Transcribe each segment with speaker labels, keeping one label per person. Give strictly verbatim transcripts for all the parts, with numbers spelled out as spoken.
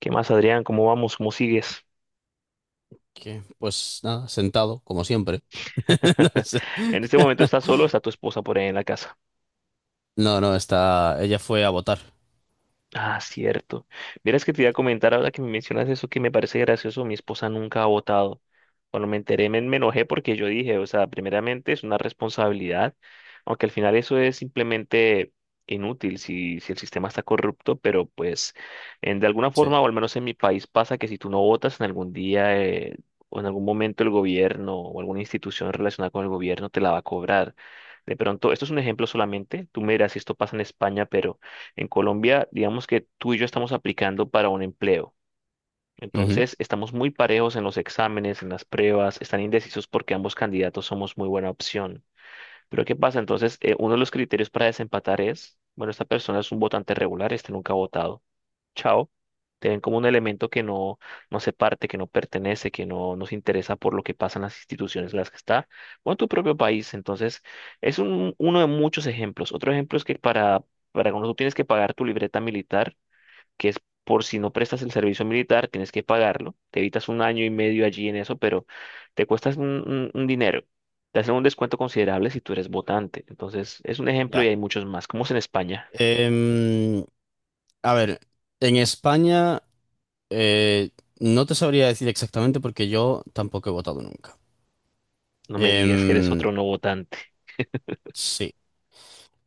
Speaker 1: ¿Qué más, Adrián? ¿Cómo vamos? ¿Cómo sigues?
Speaker 2: Que, pues nada, sentado, como siempre. No sé.
Speaker 1: En este momento estás solo, o está tu esposa por ahí en la casa.
Speaker 2: No, no, está. Ella fue a votar.
Speaker 1: Ah, cierto. Verás que te iba a comentar ahora que me mencionas eso que me parece gracioso, mi esposa nunca ha votado. Cuando me enteré me, me enojé porque yo dije, o sea, primeramente es una responsabilidad, aunque al final eso es simplemente inútil si, si el sistema está corrupto, pero pues en, de alguna
Speaker 2: Sí.
Speaker 1: forma, o al menos en mi país pasa que si tú no votas en algún día eh, o en algún momento el gobierno o alguna institución relacionada con el gobierno te la va a cobrar. De pronto, esto es un ejemplo solamente, tú me dirás si esto pasa en España, pero... En Colombia, digamos que tú y yo estamos aplicando para un empleo.
Speaker 2: Ujú.
Speaker 1: Entonces, estamos muy parejos en los exámenes, en las pruebas, están indecisos porque ambos candidatos somos muy buena opción. Pero ¿qué pasa? Entonces, eh, uno de los criterios para desempatar es, bueno, esta persona es un votante regular, este nunca ha votado chao. Te ven como un elemento que no, no se parte, que no pertenece, que no nos interesa por lo que pasa en las instituciones en las que está, o en tu propio país. Entonces, es un, uno de muchos ejemplos. Otro ejemplo es que para, para cuando tú tienes que pagar tu libreta militar, que es por si no prestas el servicio militar, tienes que pagarlo. Te evitas un año y medio allí en eso, pero te cuestas un, un un dinero. Te hacen un descuento considerable si tú eres votante. Entonces, es un ejemplo
Speaker 2: Ya.
Speaker 1: y hay muchos más, como es en España.
Speaker 2: Em, a ver, en España eh, no te sabría decir exactamente porque yo tampoco he votado nunca.
Speaker 1: No me digas que eres
Speaker 2: Em,
Speaker 1: otro no votante.
Speaker 2: sí.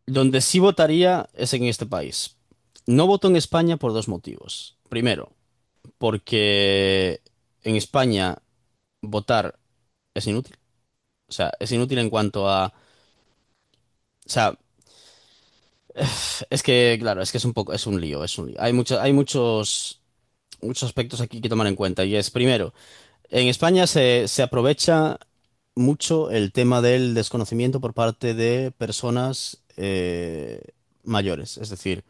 Speaker 2: Donde sí votaría es en este país. No voto en España por dos motivos. Primero, porque en España votar es inútil. O sea, es inútil en cuanto a. O sea, es que, claro, es que es un poco, es un lío, es un lío. Hay mucho- hay muchos, muchos aspectos aquí que tomar en cuenta. Y es, primero, en España se, se aprovecha mucho el tema del desconocimiento por parte de personas eh, mayores. Es decir,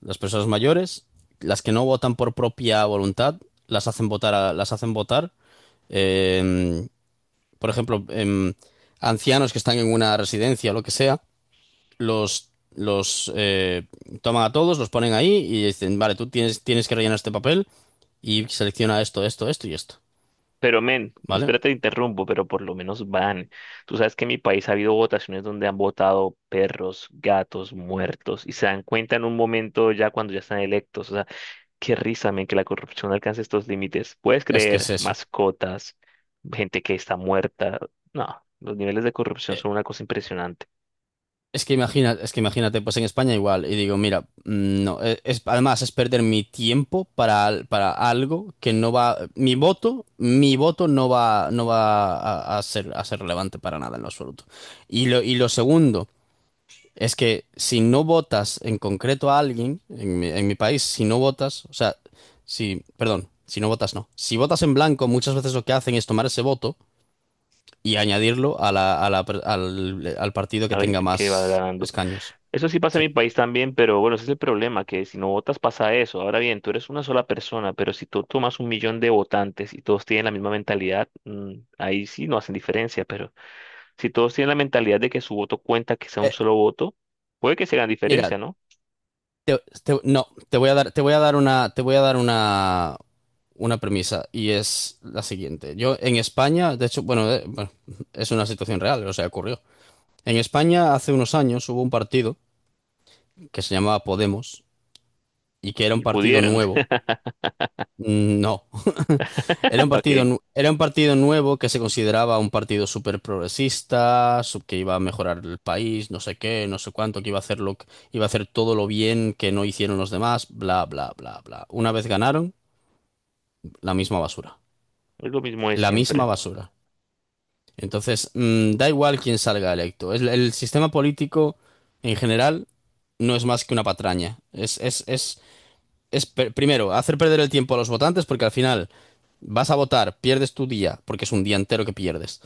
Speaker 2: las personas mayores, las que no votan por propia voluntad, las hacen votar, a- las hacen votar. eh, por ejemplo, em, ancianos que están en una residencia o lo que sea los, los eh, toman a todos, los ponen ahí y dicen, vale, tú tienes, tienes que rellenar este papel y selecciona esto, esto, esto y esto,
Speaker 1: Pero men,
Speaker 2: ¿vale?
Speaker 1: espérate, te interrumpo, pero por lo menos van. Tú sabes que en mi país ha habido votaciones donde han votado perros, gatos, muertos, y se dan cuenta en un momento ya cuando ya están electos. O sea, qué risa, men, que la corrupción alcance estos límites. ¿Puedes
Speaker 2: Es que es
Speaker 1: creer?
Speaker 2: eso.
Speaker 1: Mascotas, gente que está muerta. No, los niveles de corrupción
Speaker 2: Eh,
Speaker 1: son una cosa impresionante.
Speaker 2: Es que imagina, es que Imagínate, pues en España igual, y digo, mira, mm, no, eh, es, además es perder mi tiempo para, al- para algo que no va, mi voto, mi voto no va, no va a, a ser, a ser relevante para nada en lo absoluto. Y lo, y lo segundo. Es que si no votas en concreto a alguien, en mi, en mi país, si no votas, o sea, si, perdón, si no votas, no. Si votas en blanco, muchas veces lo que hacen es tomar ese voto y añadirlo a la, a la per- al, al partido
Speaker 1: A
Speaker 2: que
Speaker 1: ver,
Speaker 2: tenga
Speaker 1: qué va
Speaker 2: más
Speaker 1: ganando.
Speaker 2: escaños.
Speaker 1: Eso sí pasa
Speaker 2: Sí.
Speaker 1: en mi país también, pero bueno, ese es el problema, que si no votas pasa eso. Ahora bien, tú eres una sola persona, pero si tú tomas un millón de votantes y todos tienen la misma mentalidad, mm, ahí sí no hacen diferencia, pero si todos tienen la mentalidad de que su voto cuenta, que sea un
Speaker 2: Eh,
Speaker 1: solo voto, puede que se hagan
Speaker 2: Mira,
Speaker 1: diferencia, ¿no?
Speaker 2: te- te- no, te voy a dar, te voy a dar una, te voy a dar una, una premisa y es la siguiente. Yo en España, de hecho, bueno, eh, bueno, es una situación real, o sea, ocurrió. En España hace unos años hubo un partido que se llamaba Podemos y que era un
Speaker 1: Y
Speaker 2: partido
Speaker 1: pudieran.
Speaker 2: nuevo. Mm, no. Era un
Speaker 1: Ok,
Speaker 2: partido,
Speaker 1: es
Speaker 2: nu- era un partido nuevo que se consideraba un partido súper progresista, sub- que iba a mejorar el país, no sé qué, no sé cuánto, que iba a hacer lo, que- iba a hacer todo lo bien que no hicieron los demás, bla, bla, bla, bla. Una vez ganaron, la misma basura,
Speaker 1: lo mismo de
Speaker 2: la misma
Speaker 1: siempre.
Speaker 2: basura. Entonces, mm, da igual quién salga electo. Es- el sistema político en general no es más que una patraña. Es, es, es es per- primero, hacer perder el tiempo a los votantes porque al final vas a votar, pierdes tu día, porque es un día entero que pierdes,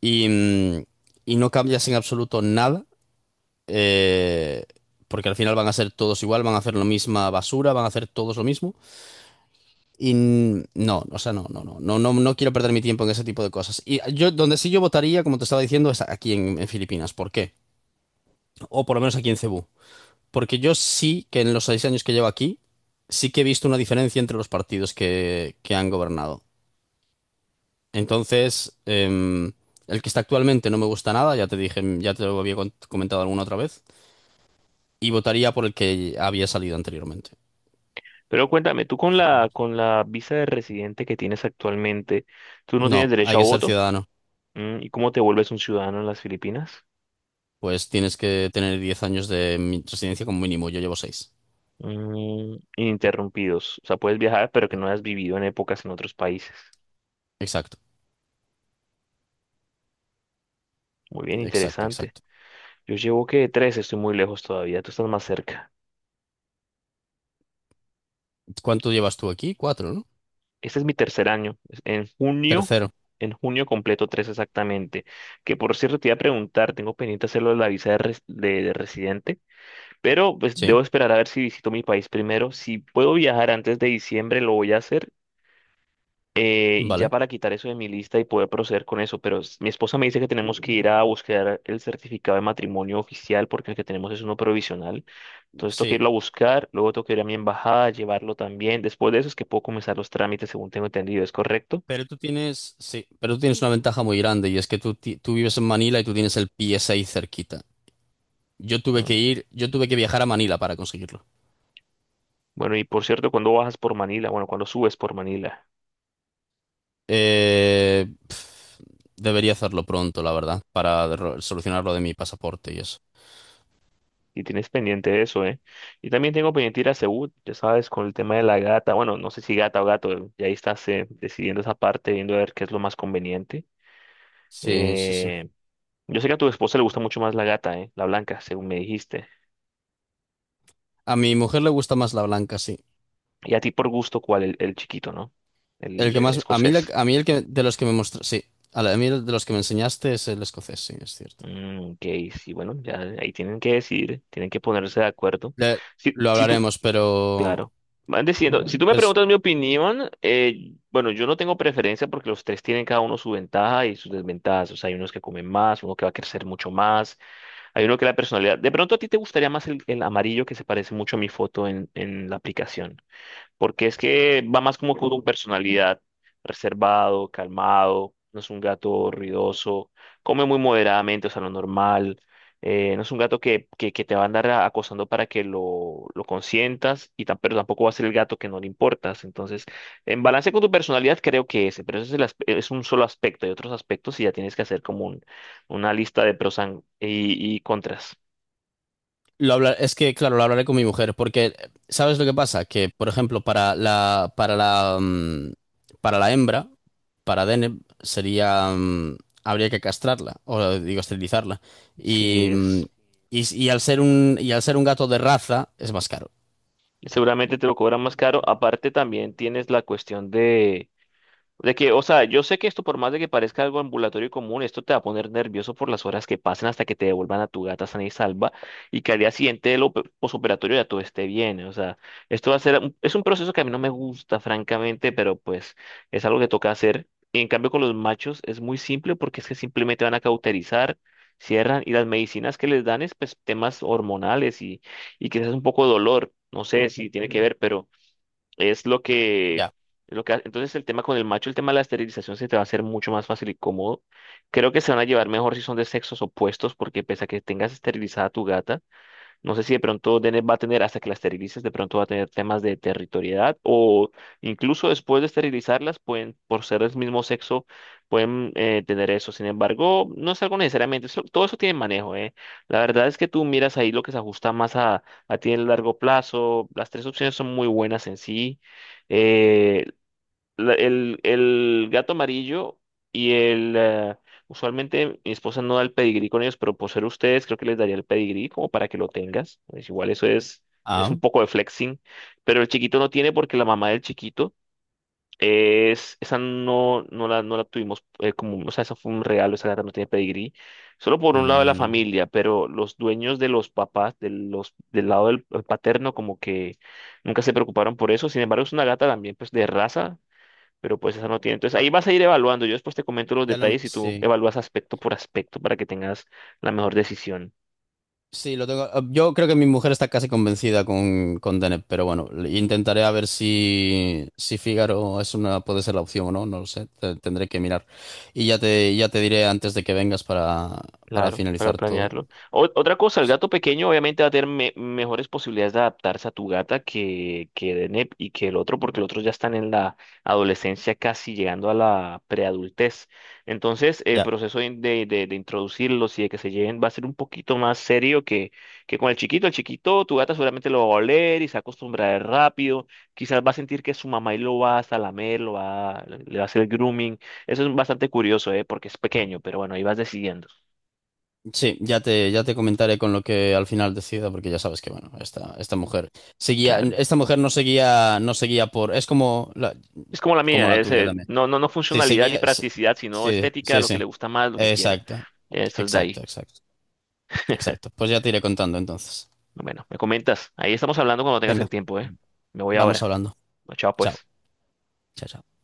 Speaker 2: y, mm, y no cambias en absoluto nada, eh, porque al final van a ser todos igual, van a hacer la misma basura, van a hacer todos lo mismo, y mm, no, o sea, no, no, no, no, no, no quiero perder mi tiempo en ese tipo de cosas. Y yo, donde sí yo votaría, como te estaba diciendo, es aquí en, en Filipinas, ¿por qué? O por lo menos aquí en Cebú. Porque yo sí que en los seis años que llevo aquí, sí que he visto una diferencia entre los partidos que, que han gobernado. Entonces, em, el que está actualmente no me gusta nada, ya te dije, ya te lo había con- comentado alguna otra vez, y votaría por el que había salido anteriormente.
Speaker 1: Pero cuéntame, tú con la, con la visa de residente que tienes actualmente, ¿tú no
Speaker 2: No,
Speaker 1: tienes derecho
Speaker 2: hay
Speaker 1: a
Speaker 2: que ser
Speaker 1: voto?
Speaker 2: ciudadano.
Speaker 1: Mm, ¿y cómo te vuelves un ciudadano en las Filipinas?
Speaker 2: Pues tienes que tener diez años de mi- residencia como mínimo. Yo llevo seis.
Speaker 1: Mm, ininterrumpidos. O sea, puedes viajar, pero que no has vivido en épocas en otros países.
Speaker 2: Exacto,
Speaker 1: Muy bien,
Speaker 2: exacto,
Speaker 1: interesante.
Speaker 2: exacto.
Speaker 1: Yo llevo que tres, estoy muy lejos todavía. Tú estás más cerca.
Speaker 2: ¿Cuánto llevas tú aquí? Cuatro, ¿no?
Speaker 1: Este es mi tercer año. Es- En junio,
Speaker 2: Tercero.
Speaker 1: en junio completo tres exactamente. Que por cierto, te iba a preguntar, tengo pendiente hacerlo de la visa de, res- de- de residente, pero pues
Speaker 2: Sí,
Speaker 1: debo esperar a ver si visito mi país primero. Si puedo viajar antes de diciembre, lo voy a hacer. Eh, y ya
Speaker 2: vale.
Speaker 1: para quitar eso de mi lista y poder proceder con eso, pero s- mi esposa me dice que tenemos que ir a buscar el certificado de matrimonio oficial porque el que tenemos es uno provisional. Entonces tengo que irlo
Speaker 2: Sí.
Speaker 1: a buscar, luego tengo que ir a mi embajada, llevarlo también. Después de eso es que puedo comenzar los trámites, según tengo entendido, ¿es correcto?
Speaker 2: Pero tú tienes, sí, pero tú tienes una ventaja muy grande y es que tú, ti- tú vives en Manila y tú tienes el P S A ahí cerquita. Yo tuve que
Speaker 1: Mm.
Speaker 2: ir, yo tuve que viajar a Manila para conseguirlo.
Speaker 1: Bueno, y por cierto, cuando bajas por Manila, bueno, cuando subes por Manila,
Speaker 2: Eh, pf, Debería hacerlo pronto, la verdad, para ro- solucionar lo de mi pasaporte y eso.
Speaker 1: y tienes pendiente eso, ¿eh? Y también tengo pendiente ir a Seúl, ya sabes, con el tema de la gata, bueno, no sé si gata o gato, y ahí estás eh, decidiendo esa parte, viendo a ver qué es lo más conveniente.
Speaker 2: Sí, sí, sí.
Speaker 1: Eh, Yo sé que a tu esposa le gusta mucho más la gata, ¿eh? La blanca, según me dijiste.
Speaker 2: A mi mujer le gusta más la blanca, sí.
Speaker 1: Y a ti por gusto, ¿cuál? El, el chiquito, ¿no?
Speaker 2: El
Speaker 1: El
Speaker 2: que
Speaker 1: eh,
Speaker 2: más, a mí, la-
Speaker 1: escocés.
Speaker 2: a mí el que de los que me mostraste, sí, a, la- a mí el de los que me enseñaste es el escocés, sí, es cierto.
Speaker 1: Mm, ok, sí, bueno, ya ahí tienen que decidir, tienen que ponerse de acuerdo.
Speaker 2: Le-
Speaker 1: Si,
Speaker 2: lo
Speaker 1: si tú,
Speaker 2: hablaremos, pero
Speaker 1: claro, van decidiendo. Si tú me
Speaker 2: pues.
Speaker 1: preguntas mi opinión, eh, bueno, yo no tengo preferencia porque los tres tienen cada uno su ventaja y sus desventajas. O sea, hay unos que comen más, uno que va a crecer mucho más, hay uno que la personalidad. De pronto a ti te gustaría más el, el amarillo que se parece mucho a mi foto en, en la aplicación. Porque es que va más como con tu personalidad, reservado, calmado, no es un gato ruidoso, come muy moderadamente, o sea, lo normal, eh, no es un gato que, que, que te va a andar a- acosando para que lo, lo consientas, y tam- pero tampoco va a ser el gato que no le importas, entonces, en balance con tu personalidad creo que ese, pero ese es, el as- es un solo aspecto, hay otros aspectos y ya tienes que hacer como un- una lista de pros and- y, y contras,
Speaker 2: Lo hablar, es que, claro, lo hablaré con mi mujer, porque eh, ¿sabes lo que pasa? Que, por ejemplo, para la, para la, mm, para la hembra, para Deneb, sería, mm, habría que castrarla, o digo, esterilizarla. Y,
Speaker 1: si
Speaker 2: mm,
Speaker 1: es...
Speaker 2: y, y al ser un, y al ser un gato de raza, es más caro.
Speaker 1: Seguramente te lo cobran más caro. Aparte, también tienes la cuestión de, De que, o sea, yo sé que esto, por más de que parezca algo ambulatorio y común, esto te va a poner nervioso por las horas que pasen hasta que te devuelvan a tu gata sana y salva y que al día siguiente del op- posoperatorio ya todo esté bien. O sea, esto va a ser, un- es un proceso que a mí no me gusta, francamente, pero pues es algo que toca hacer. Y en cambio con los machos es muy simple porque es que simplemente van a cauterizar, cierran y las medicinas que les dan es pues temas hormonales y, y quizás un poco de dolor. No sé si tiene que ver, es lo que,
Speaker 2: Ya.
Speaker 1: lo que, entonces el tema con el macho, el tema de la esterilización se te va a hacer mucho más fácil y cómodo. Creo que se van a llevar mejor si son de sexos opuestos, porque pese a que tengas esterilizada a tu gata, no sé si de pronto Deneb va a tener, hasta que las esterilices, de pronto va a tener temas de territorialidad o incluso después de esterilizarlas, pueden, por ser del mismo sexo, pueden eh, tener eso. Sin embargo, no es algo necesariamente, eso- todo eso tiene manejo, ¿eh? La verdad es que tú miras ahí lo que se ajusta más a, a ti en el largo plazo. Las tres opciones son muy buenas en sí. Eh, la- el, el gato amarillo y el... eh, usualmente mi esposa no da el pedigrí con ellos, pero por ser ustedes creo que les daría el pedigrí como para que lo tengas. Pues igual eso es, es
Speaker 2: Ah.
Speaker 1: un poco de flexing, pero el chiquito no tiene porque la mamá del chiquito es... Esa no, no la, no la tuvimos eh, como... O sea, eso fue un regalo, esa gata no tiene pedigrí. Solo por un lado de la
Speaker 2: Mm,
Speaker 1: familia, pero los dueños de los papás, de los, del lado del eh, paterno como que nunca se preocuparon por eso. Sin embargo, es una gata también pues de raza pero pues esa no tiene. Entonces ahí vas a ir evaluando. Yo después te comento los
Speaker 2: ya lo,
Speaker 1: detalles y tú
Speaker 2: sí.
Speaker 1: evalúas aspecto por aspecto para que tengas la mejor decisión.
Speaker 2: Sí, lo tengo. Ah, yo creo que mi mujer está casi convencida con, con Dennett, pero bueno, intentaré a ver si, si Fígaro es una, puede ser la opción o no, no lo sé. te- tendré que mirar. Y ya te, ya te diré antes de que vengas para, para
Speaker 1: Claro, para
Speaker 2: finalizar todo.
Speaker 1: planearlo. O- otra cosa, el gato pequeño obviamente va a tener me- mejores posibilidades de adaptarse a tu gata que, que Deneb y que el otro, porque el otro ya están en la adolescencia casi llegando a la preadultez. Entonces, el
Speaker 2: Ya.
Speaker 1: proceso de, de- de- de introducirlos y de que se lleven va a ser un poquito más serio que, que con el chiquito. El chiquito, tu gata seguramente lo va a oler y se va a acostumbrar rápido. Quizás va a sentir que su mamá y lo va hasta lamer, lo va, le va a hacer el grooming. Eso es bastante curioso, ¿eh? Porque es pequeño, pero bueno, ahí vas decidiendo.
Speaker 2: Sí, ya te, ya te comentaré con lo que al final decida, porque ya sabes que, bueno, esta, esta mujer seguía,
Speaker 1: Claro.
Speaker 2: esta mujer no seguía, no seguía por, es como la,
Speaker 1: Es como la
Speaker 2: como
Speaker 1: mía,
Speaker 2: la
Speaker 1: es,
Speaker 2: tuya
Speaker 1: eh,
Speaker 2: también.
Speaker 1: no, no, no
Speaker 2: Sí,
Speaker 1: funcionalidad ni
Speaker 2: seguía, sí,
Speaker 1: practicidad, sino
Speaker 2: sí,
Speaker 1: estética,
Speaker 2: sí,
Speaker 1: lo que
Speaker 2: sí.
Speaker 1: le gusta más, lo que quiero.
Speaker 2: Exacto,
Speaker 1: Esto es de
Speaker 2: exacto,
Speaker 1: ahí.
Speaker 2: exacto. Exacto. Pues ya te iré contando entonces.
Speaker 1: Bueno, me comentas. Ahí estamos hablando cuando tengas
Speaker 2: Venga,
Speaker 1: el tiempo, ¿eh? Me voy
Speaker 2: vamos
Speaker 1: ahora.
Speaker 2: hablando.
Speaker 1: Chao,
Speaker 2: Chao.
Speaker 1: pues.
Speaker 2: Chao, chao.